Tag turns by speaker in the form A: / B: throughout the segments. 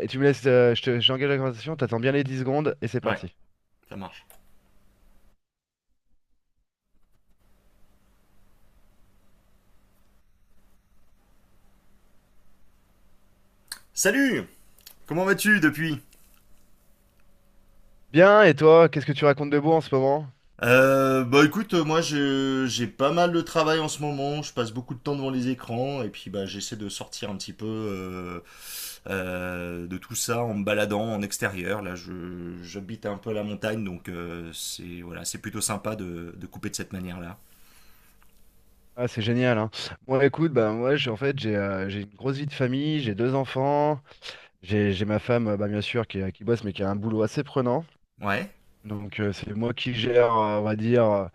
A: Et tu me laisses, j'engage la conversation, t'attends bien les 10 secondes et c'est
B: Ouais,
A: parti.
B: ça marche. Salut. Comment vas-tu depuis?
A: Bien, et toi, qu'est-ce que tu racontes de beau en ce moment?
B: Bah écoute, moi, j'ai pas mal de travail en ce moment, je passe beaucoup de temps devant les écrans et puis bah j'essaie de sortir un petit peu de tout ça en me baladant en extérieur. Là, je j'habite un peu à la montagne donc c'est voilà, c'est plutôt sympa de couper de cette manière-là.
A: Ah, c'est génial, hein. Moi, écoute, ben moi, en fait, j'ai une grosse vie de famille, j'ai deux enfants, j'ai ma femme, bah, bien sûr, qui bosse, mais qui a un boulot assez prenant.
B: Ouais.
A: Donc, c'est moi qui gère, on va dire, euh,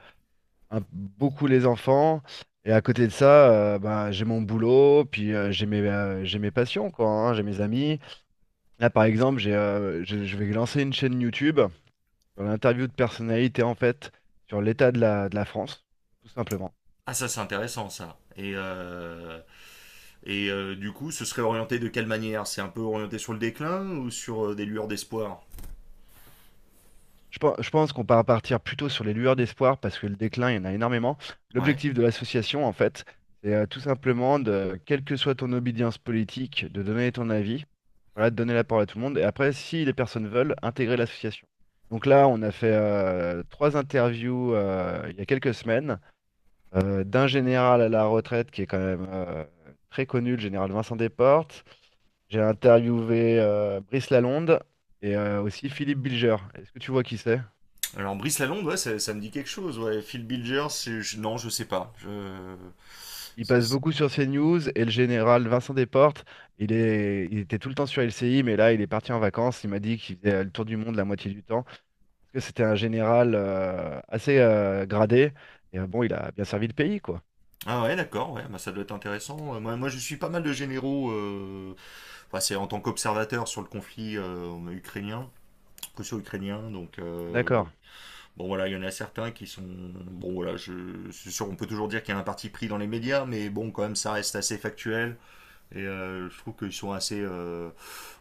A: un- beaucoup les enfants. Et à côté de ça, bah, j'ai mon boulot, puis j'ai mes passions, quoi, hein, j'ai mes amis. Là, par exemple, je vais lancer une chaîne YouTube sur l'interview de personnalité, en fait, sur l'état de la France, tout simplement.
B: Ah, ça c'est intéressant, ça. Et du coup, ce serait orienté de quelle manière? C'est un peu orienté sur le déclin ou sur des lueurs d'espoir?
A: Je pense qu'on va partir plutôt sur les lueurs d'espoir parce que le déclin, il y en a énormément.
B: Ouais.
A: L'objectif de l'association, en fait, c'est tout simplement de, quelle que soit ton obédience politique, de donner ton avis, voilà, de donner la parole à tout le monde. Et après, si les personnes veulent, intégrer l'association. Donc là, on a fait trois interviews il y a quelques semaines d'un général à la retraite qui est quand même très connu, le général Vincent Desportes. J'ai interviewé Brice Lalonde et aussi Philippe Bilger. Est-ce que tu vois qui c'est?
B: Alors Brice Lalonde, ouais, ça me dit quelque chose. Ouais. Phil Bilger, non, je sais pas.
A: Il passe
B: C'est-
A: beaucoup sur CNews et le général Vincent Desportes, il était tout le temps sur LCI, mais là il est parti en vacances. Il m'a dit qu'il faisait le tour du monde la moitié du temps. Parce que c'était un général assez gradé. Et bon, il a bien servi le pays, quoi.
B: Ah ouais, d'accord, ouais, bah, ça doit être intéressant. Moi, moi, je suis pas mal de généraux, enfin, c'est en tant qu'observateur sur le conflit ukrainien, russo-ukrainien. Donc,
A: D'accord.
B: bon voilà, il y en a certains qui sont. Bon voilà, c'est sûr, on peut toujours dire qu'il y a un parti pris dans les médias, mais bon, quand même, ça reste assez factuel. Et je trouve qu'ils sont assez.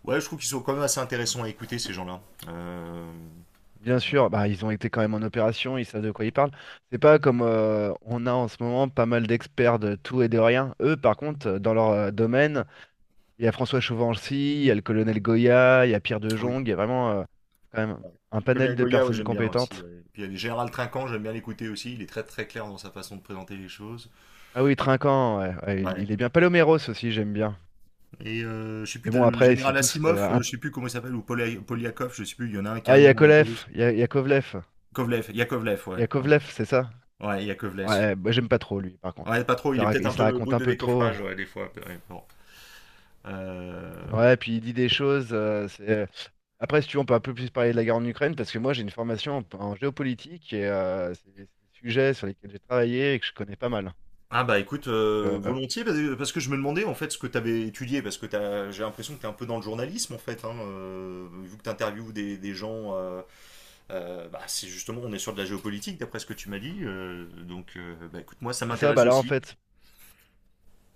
B: Ouais, je trouve qu'ils sont quand même assez intéressants à écouter, ces gens-là. Euh,
A: Bien sûr, bah, ils ont été quand même en opération, ils savent de quoi ils parlent. C'est pas comme on a en ce moment pas mal d'experts de tout et de rien. Eux, par contre, dans leur domaine, il y a François Chauvency, il y a le colonel Goya, il y a Pierre de
B: Ah oui.
A: Jong, il y a vraiment quand même
B: Ouais.
A: un panel
B: Colonel
A: de
B: Goya, ouais,
A: personnes
B: j'aime bien aussi.
A: compétentes.
B: Ouais. Puis il y a Général Trinquant, j'aime bien l'écouter aussi. Il est très très clair dans sa façon de présenter les choses.
A: Ah oui, Trinquant, ouais, ouais, il,
B: Ouais.
A: il est bien. Paloméros aussi, j'aime bien.
B: Et je sais plus,
A: Mais
B: t'as
A: bon,
B: le
A: après, ils sont
B: général
A: tous.
B: Asimov, je sais plus comment il s'appelle, ou Polyakov, je sais plus, il y en a un qui a
A: Ah,
B: un
A: il y a
B: nom un peu
A: Kolev,
B: russe.
A: il y a Kovlev.
B: Kovlev, Yakovlev,
A: Il y
B: ouais.
A: a Kovlev,
B: Ouais,
A: c'est ça?
B: ouais, Yakovlev.
A: Ouais, bah, j'aime pas trop lui, par contre,
B: Ouais,
A: hein.
B: pas trop,
A: Il se
B: il
A: la,
B: est
A: rac-
B: peut-être
A: il
B: un
A: se la
B: peu
A: raconte
B: brut
A: un
B: de
A: peu trop.
B: décoffrage, ouais, des fois. Ouais, bon. Euh,
A: Ouais, puis il dit des choses. Après, si tu veux, on peut un peu plus parler de la guerre en Ukraine, parce que moi, j'ai une formation en géopolitique et c'est des sujets sur lesquels j'ai travaillé et que je connais pas mal.
B: Ah, bah écoute, volontiers, parce que je me demandais en fait ce que tu avais étudié, parce que j'ai l'impression que tu es un peu dans le journalisme en fait, hein, vu que tu interviews des gens, bah, c'est justement, on est sur de la géopolitique d'après ce que tu m'as dit, donc bah écoute, moi ça
A: C'est ça,
B: m'intéresse
A: bah là en
B: aussi.
A: fait,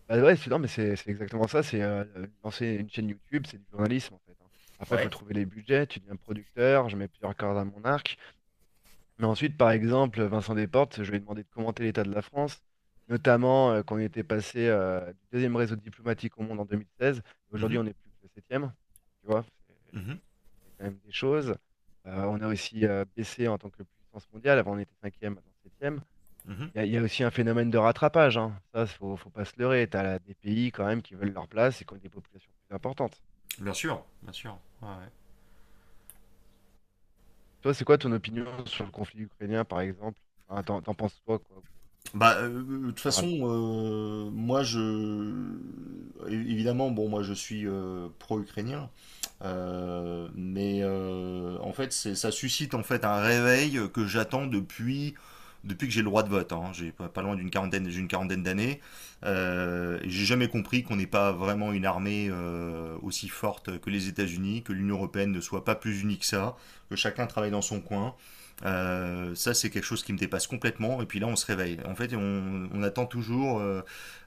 A: bah ouais, c'est non, mais c'est exactement ça, c'est lancer une chaîne YouTube, c'est du journalisme en fait, hein. Après, il
B: Ouais.
A: faut trouver les budgets, tu deviens producteur, je mets plusieurs cordes à mon arc. Mais ensuite, par exemple, Vincent Desportes, je lui ai demandé de commenter l'état de la France, notamment qu'on était passé du deuxième réseau diplomatique au monde en 2016, et
B: Mhm,
A: aujourd'hui on est plus que le septième, tu vois, c'est
B: mhm,
A: c'est quand même des choses. On a aussi baissé en tant que puissance mondiale, avant on était cinquième, maintenant septième.
B: mhm.
A: Il y a aussi un phénomène de rattrapage, hein. Ça, faut pas se leurrer. T'as là des pays quand même qui veulent leur place et qui ont des populations plus importantes.
B: Bien sûr, bien sûr. Ouais. Ouais.
A: Toi, c'est quoi ton opinion sur le conflit ukrainien, par exemple? Enfin, t'en penses quoi, quoi, en
B: Bah, de toute façon,
A: général?
B: moi, Évidemment, bon, moi, je suis pro-ukrainien, mais en fait, ça suscite en fait un réveil que j'attends depuis que j'ai le droit de vote. Hein. J'ai pas loin d'une quarantaine, j'ai une quarantaine d'années. Et j'ai jamais compris qu'on n'ait pas vraiment une armée aussi forte que les États-Unis, que l'Union européenne ne soit pas plus unie que ça, que chacun travaille dans son coin. Ça, c'est quelque chose qui me dépasse complètement. Et puis là, on se réveille. En fait, on attend toujours euh,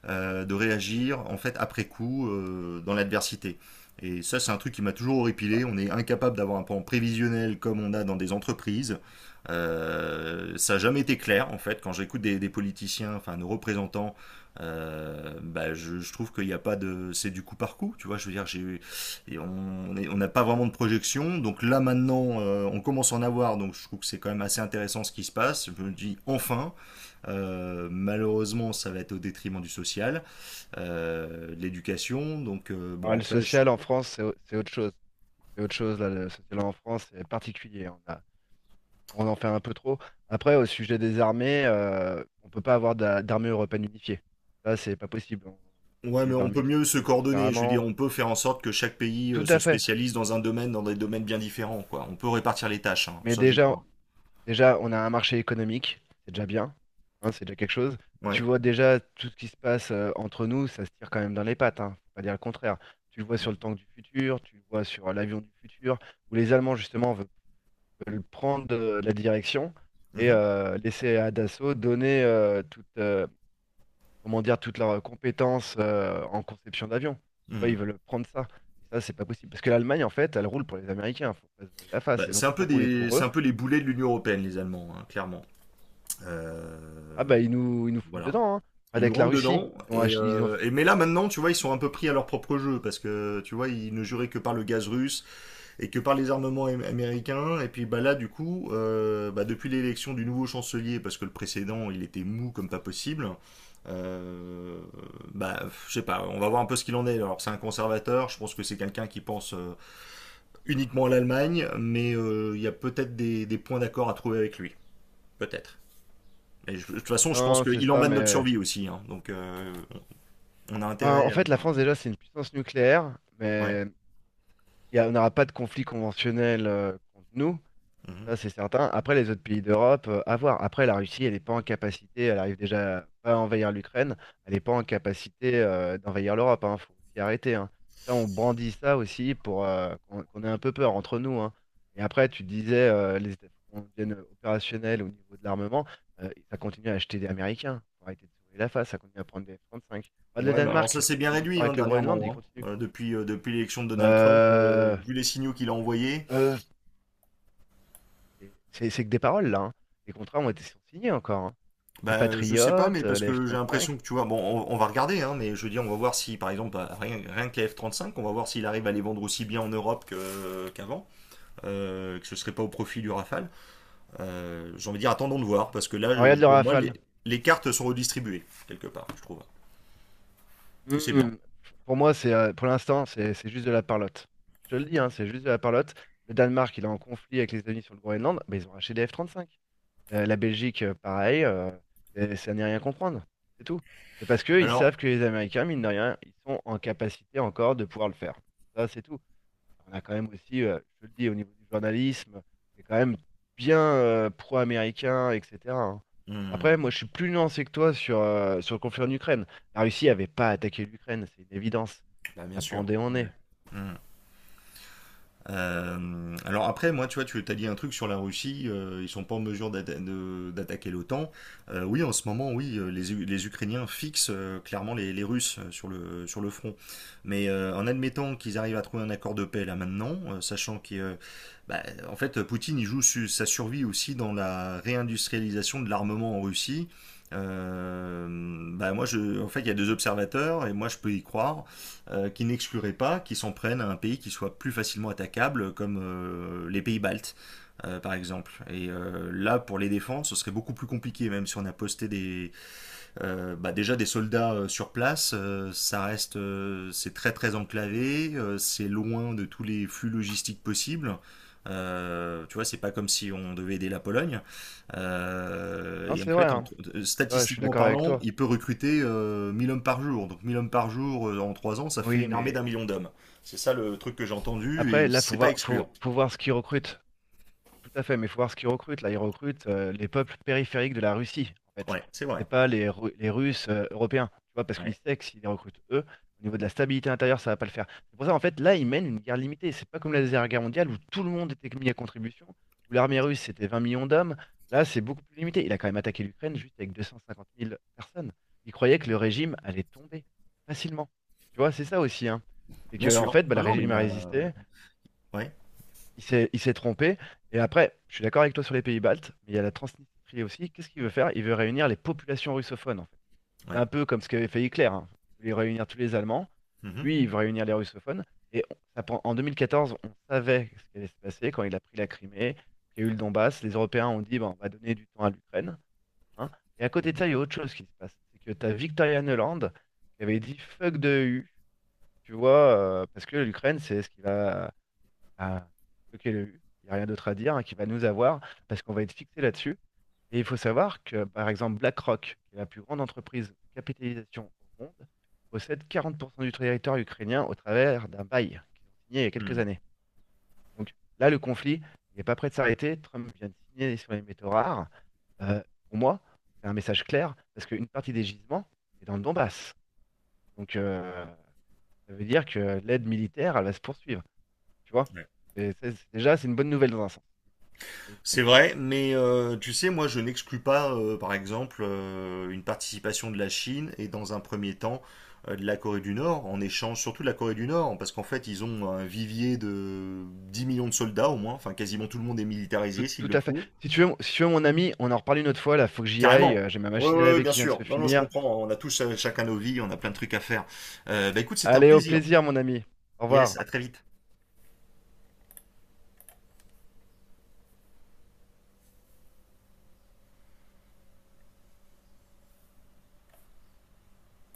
B: euh, de réagir, en fait, après coup, dans l'adversité. Et ça, c'est un truc qui m'a toujours horripilé. On est incapable d'avoir un plan prévisionnel comme on a dans des entreprises. Ça n'a jamais été clair, en fait. Quand j'écoute des politiciens, enfin nos représentants, bah, je trouve qu'il n'y a pas de. C'est du coup par coup, tu vois. Je veux dire, j'ai et on n'a pas vraiment de projection. Donc là maintenant, on commence à en avoir. Donc je trouve que c'est quand même assez intéressant ce qui se passe. Je me dis enfin, malheureusement, ça va être au détriment du social, de l'éducation. Donc bon,
A: Alors, le
B: après,
A: social en France, c'est autre chose. C'est autre chose, là, le social en France, c'est particulier. On en fait un peu trop. Après, au sujet des armées, on peut pas avoir d'armée européenne unifiée. Ça, c'est pas possible.
B: ouais,
A: C'est
B: mais
A: des
B: on peut
A: armées qui
B: mieux
A: sont
B: se
A: faites
B: coordonner. Je veux dire,
A: différemment.
B: on peut faire en sorte que chaque pays
A: Tout
B: se
A: à fait.
B: spécialise dans un domaine, dans des domaines bien différents, quoi. On peut répartir les tâches. Hein.
A: Mais
B: Ça, j'y
A: déjà,
B: crois.
A: On a un marché économique, c'est déjà bien, hein, c'est déjà quelque chose. Et tu
B: Ouais.
A: vois déjà tout ce qui se passe entre nous, ça se tire quand même dans les pattes, hein, faut pas dire le contraire. Tu le vois sur le tank du futur, tu le vois sur l'avion du futur, où les Allemands justement veulent prendre la direction et
B: Mhm.
A: laisser à Dassault donner comment dire, toutes leurs compétences en conception d'avion. Tu vois,
B: Mhm.
A: ils veulent prendre ça. Et ça, c'est pas possible. Parce que l'Allemagne, en fait, elle roule pour les Américains, faut pas se voiler la face.
B: Bah,
A: Ils ont toujours roulé pour
B: c'est
A: eux.
B: un peu les boulets de l'Union européenne, les Allemands, hein, clairement.
A: Ah
B: Euh,
A: bah ils nous foutent
B: voilà.
A: dedans, hein.
B: Ils
A: Regarde
B: nous
A: avec la
B: rentrent
A: Russie,
B: dedans.
A: ils ont
B: Et,
A: ach- ils ont.
B: euh, et mais là maintenant, tu vois, ils sont un peu pris à leur propre jeu parce que tu vois, ils ne juraient que par le gaz russe et que par les armements américains. Et puis bah là, du coup, bah, depuis l'élection du nouveau chancelier, parce que le précédent, il était mou comme pas possible. Euh, Bah, je sais pas, on va voir un peu ce qu'il en est. Alors, c'est un conservateur, je pense que c'est quelqu'un qui pense uniquement à l'Allemagne, mais il y a peut-être des points d'accord à trouver avec lui. Peut-être. Et de toute façon, je pense
A: Non, c'est
B: qu'il en
A: ça,
B: va de notre
A: mais.
B: survie aussi, hein. Donc on a
A: Ben,
B: intérêt
A: en
B: à.
A: fait, la France déjà, c'est une puissance nucléaire,
B: Ouais.
A: mais on n'aura pas de conflit conventionnel contre nous.
B: Mhm.
A: Ça, c'est certain. Après, les autres pays d'Europe, à voir. Après, la Russie, elle n'est pas en capacité, elle arrive déjà pas à envahir l'Ukraine, elle n'est pas en capacité d'envahir l'Europe. Il faut s'y arrêter, hein. Ça, on brandit ça aussi pour qu'on ait un peu peur entre nous, hein. Et après, tu disais, qu'on devienne opérationnel au niveau de l'armement, ça continue à acheter des Américains. Faut arrêter de se la face, ça continue à prendre des F-35. Regarde le
B: Ouais, mais alors ça
A: Danemark,
B: s'est
A: il y
B: bien
A: a eu l'histoire
B: réduit, hein,
A: avec le Groenland, il
B: dernièrement. Hein.
A: continue.
B: Depuis l'élection de Donald Trump,
A: Euh,
B: vu les signaux qu'il a envoyés,
A: euh, c'est que des paroles, là, hein. Les contrats ont été sont signés encore, hein. Les
B: bah, je sais pas, mais
A: Patriotes,
B: parce
A: les
B: que j'ai l'impression
A: F-35.
B: que tu vois, bon, on va regarder, hein, mais je veux dire, on va voir si, par exemple, bah, rien que les F-35, on va voir s'il arrive à les vendre aussi bien en Europe qu'avant, que ce serait pas au profit du Rafale. J'ai envie de dire, attendons de voir, parce que là,
A: Alors, regarde le
B: pour moi,
A: Rafale.
B: les cartes sont redistribuées, quelque part, je trouve. Et c'est bien.
A: Hmm. Pour moi, c'est pour l'instant, c'est juste de la parlotte. Je te le dis, hein, c'est juste de la parlotte. Le Danemark, il est en conflit avec les États-Unis sur le Groenland, bah, ils ont racheté des F-35. La Belgique, pareil, ça n'est rien comprendre. C'est tout. C'est parce qu'ils
B: Alors,
A: savent que les Américains, mine de rien, ils sont en capacité encore de pouvoir le faire. Ça, c'est tout. On a quand même aussi, je te le dis, au niveau du journalisme, c'est quand même bien pro-américain, etc., hein. Après,
B: hmm,
A: moi, je suis plus nuancé que toi sur le conflit en Ukraine. La Russie n'avait pas attaqué l'Ukraine, c'est une évidence.
B: bah, bien
A: Ça
B: sûr.
A: pendait en
B: Ouais.
A: nez.
B: Hmm. Alors après, moi, tu vois, tu as dit un truc sur la Russie, ils sont pas en mesure d'attaquer l'OTAN. Oui, en ce moment, oui, les Ukrainiens fixent clairement les Russes sur le front. Mais en admettant qu'ils arrivent à trouver un accord de paix là maintenant, sachant qu'il, bah, en fait, Poutine, il joue sa survie aussi dans la réindustrialisation de l'armement en Russie. Euh, Bah moi, en fait, il y a deux observateurs et moi, je peux y croire qui n'exclurait pas qu'ils s'en prennent à un pays qui soit plus facilement attaquable, comme les pays baltes, par exemple. Et là, pour les défendre, ce serait beaucoup plus compliqué, même si on a posté déjà des soldats sur place. Ça reste, c'est très très enclavé, c'est loin de tous les flux logistiques possibles. Tu vois, c'est pas comme si on devait aider la Pologne.
A: Non,
B: Et en
A: c'est vrai,
B: fait,
A: hein. Ouais, je suis
B: statistiquement
A: d'accord avec
B: parlant,
A: toi.
B: il peut recruter 1 000 hommes par jour. Donc 1 000 hommes par jour en 3 ans, ça fait
A: Oui,
B: une armée
A: mais
B: d'1 million d'hommes. C'est ça le truc que j'ai entendu et
A: après, là, faut
B: c'est pas
A: voir, faut,
B: excluant.
A: faut voir ce qu'ils recrutent. Tout à fait, mais il faut voir ce qu'ils recrutent. Là, ils recrutent les peuples périphériques de la Russie, en fait.
B: Ouais, c'est vrai.
A: C'est pas les Russes européens, tu vois, parce qu'ils
B: Ouais.
A: savent que s'ils les recrutent eux, au niveau de la stabilité intérieure, ça va pas le faire. C'est pour ça, en fait, là, ils mènent une guerre limitée. C'est pas comme la Deuxième Guerre mondiale où tout le monde était mis à contribution, où l'armée russe, c'était 20 millions d'hommes. Là, c'est beaucoup plus limité. Il a quand même attaqué l'Ukraine juste avec 250 000 personnes. Il croyait que le régime allait tomber facilement. Tu vois, c'est ça aussi, hein. C'est
B: Bien
A: que, en
B: sûr.
A: fait, bah, le
B: Non, non, mais
A: régime
B: il
A: a
B: a.
A: résisté,
B: Ouais,
A: il s'est trompé. Et après, je suis d'accord avec toi sur les pays baltes, mais il y a la Transnistrie aussi. Qu'est-ce qu'il veut faire? Il veut réunir les populations russophones, en fait. C'est
B: ouais.
A: un peu comme ce qu'avait fait Hitler, hein. Il voulait réunir tous les Allemands.
B: Mhm.
A: Lui, il veut réunir les russophones. Et en 2014, on savait ce qui allait se passer quand il a pris la Crimée, qu'il y a eu le Donbass. Les Européens ont dit, Bon, on va donner du temps à l'Ukraine, hein. Et à côté
B: Mhm.
A: de ça, il y a autre chose qui se passe. C'est que tu as Victoria Nuland qui avait dit fuck de E u". Tu vois, parce que l'Ukraine, c'est ce qui va à bloquer le U. Il n'y a rien d'autre à dire, hein, qui va nous avoir, parce qu'on va être fixé là-dessus. Et il faut savoir que, par exemple, BlackRock, qui est la plus grande entreprise de capitalisation au monde, possède 40% du territoire ukrainien au travers d'un bail qu'ils ont signé il y a quelques
B: Mhm.
A: années. Donc là, le conflit n'est pas prêt de s'arrêter. Trump vient de signer sur les métaux rares. Euh, pour moi, c'est un message clair, parce qu'une partie des gisements est dans le Donbass. Donc ça veut dire que l'aide militaire, elle va se poursuivre. Tu vois?
B: Ouais.
A: Et ça, déjà, c'est une bonne nouvelle dans un sens. Oui,
B: C'est
A: ukrainien.
B: vrai, mais tu sais, moi, je n'exclus pas, par exemple, une participation de la Chine et dans un premier temps de la Corée du Nord, en échange surtout de la Corée du Nord, parce qu'en fait, ils ont un vivier de 10 millions de soldats au moins, enfin, quasiment tout le monde est
A: Tout,
B: militarisé s'il
A: tout
B: le
A: à fait.
B: faut.
A: Si tu veux, mon ami, on en reparle une autre fois, là, faut que j'y aille.
B: Carrément.
A: J'ai ma
B: Oui,
A: machine à
B: oui,
A: laver
B: bien
A: qui vient de se
B: sûr. Non, non, je
A: finir.
B: comprends. On a tous chacun nos vies, on a plein de trucs à faire. Bah écoute, c'était un
A: Allez, au
B: plaisir.
A: plaisir, mon ami. Au
B: Yes,
A: revoir.
B: à très vite.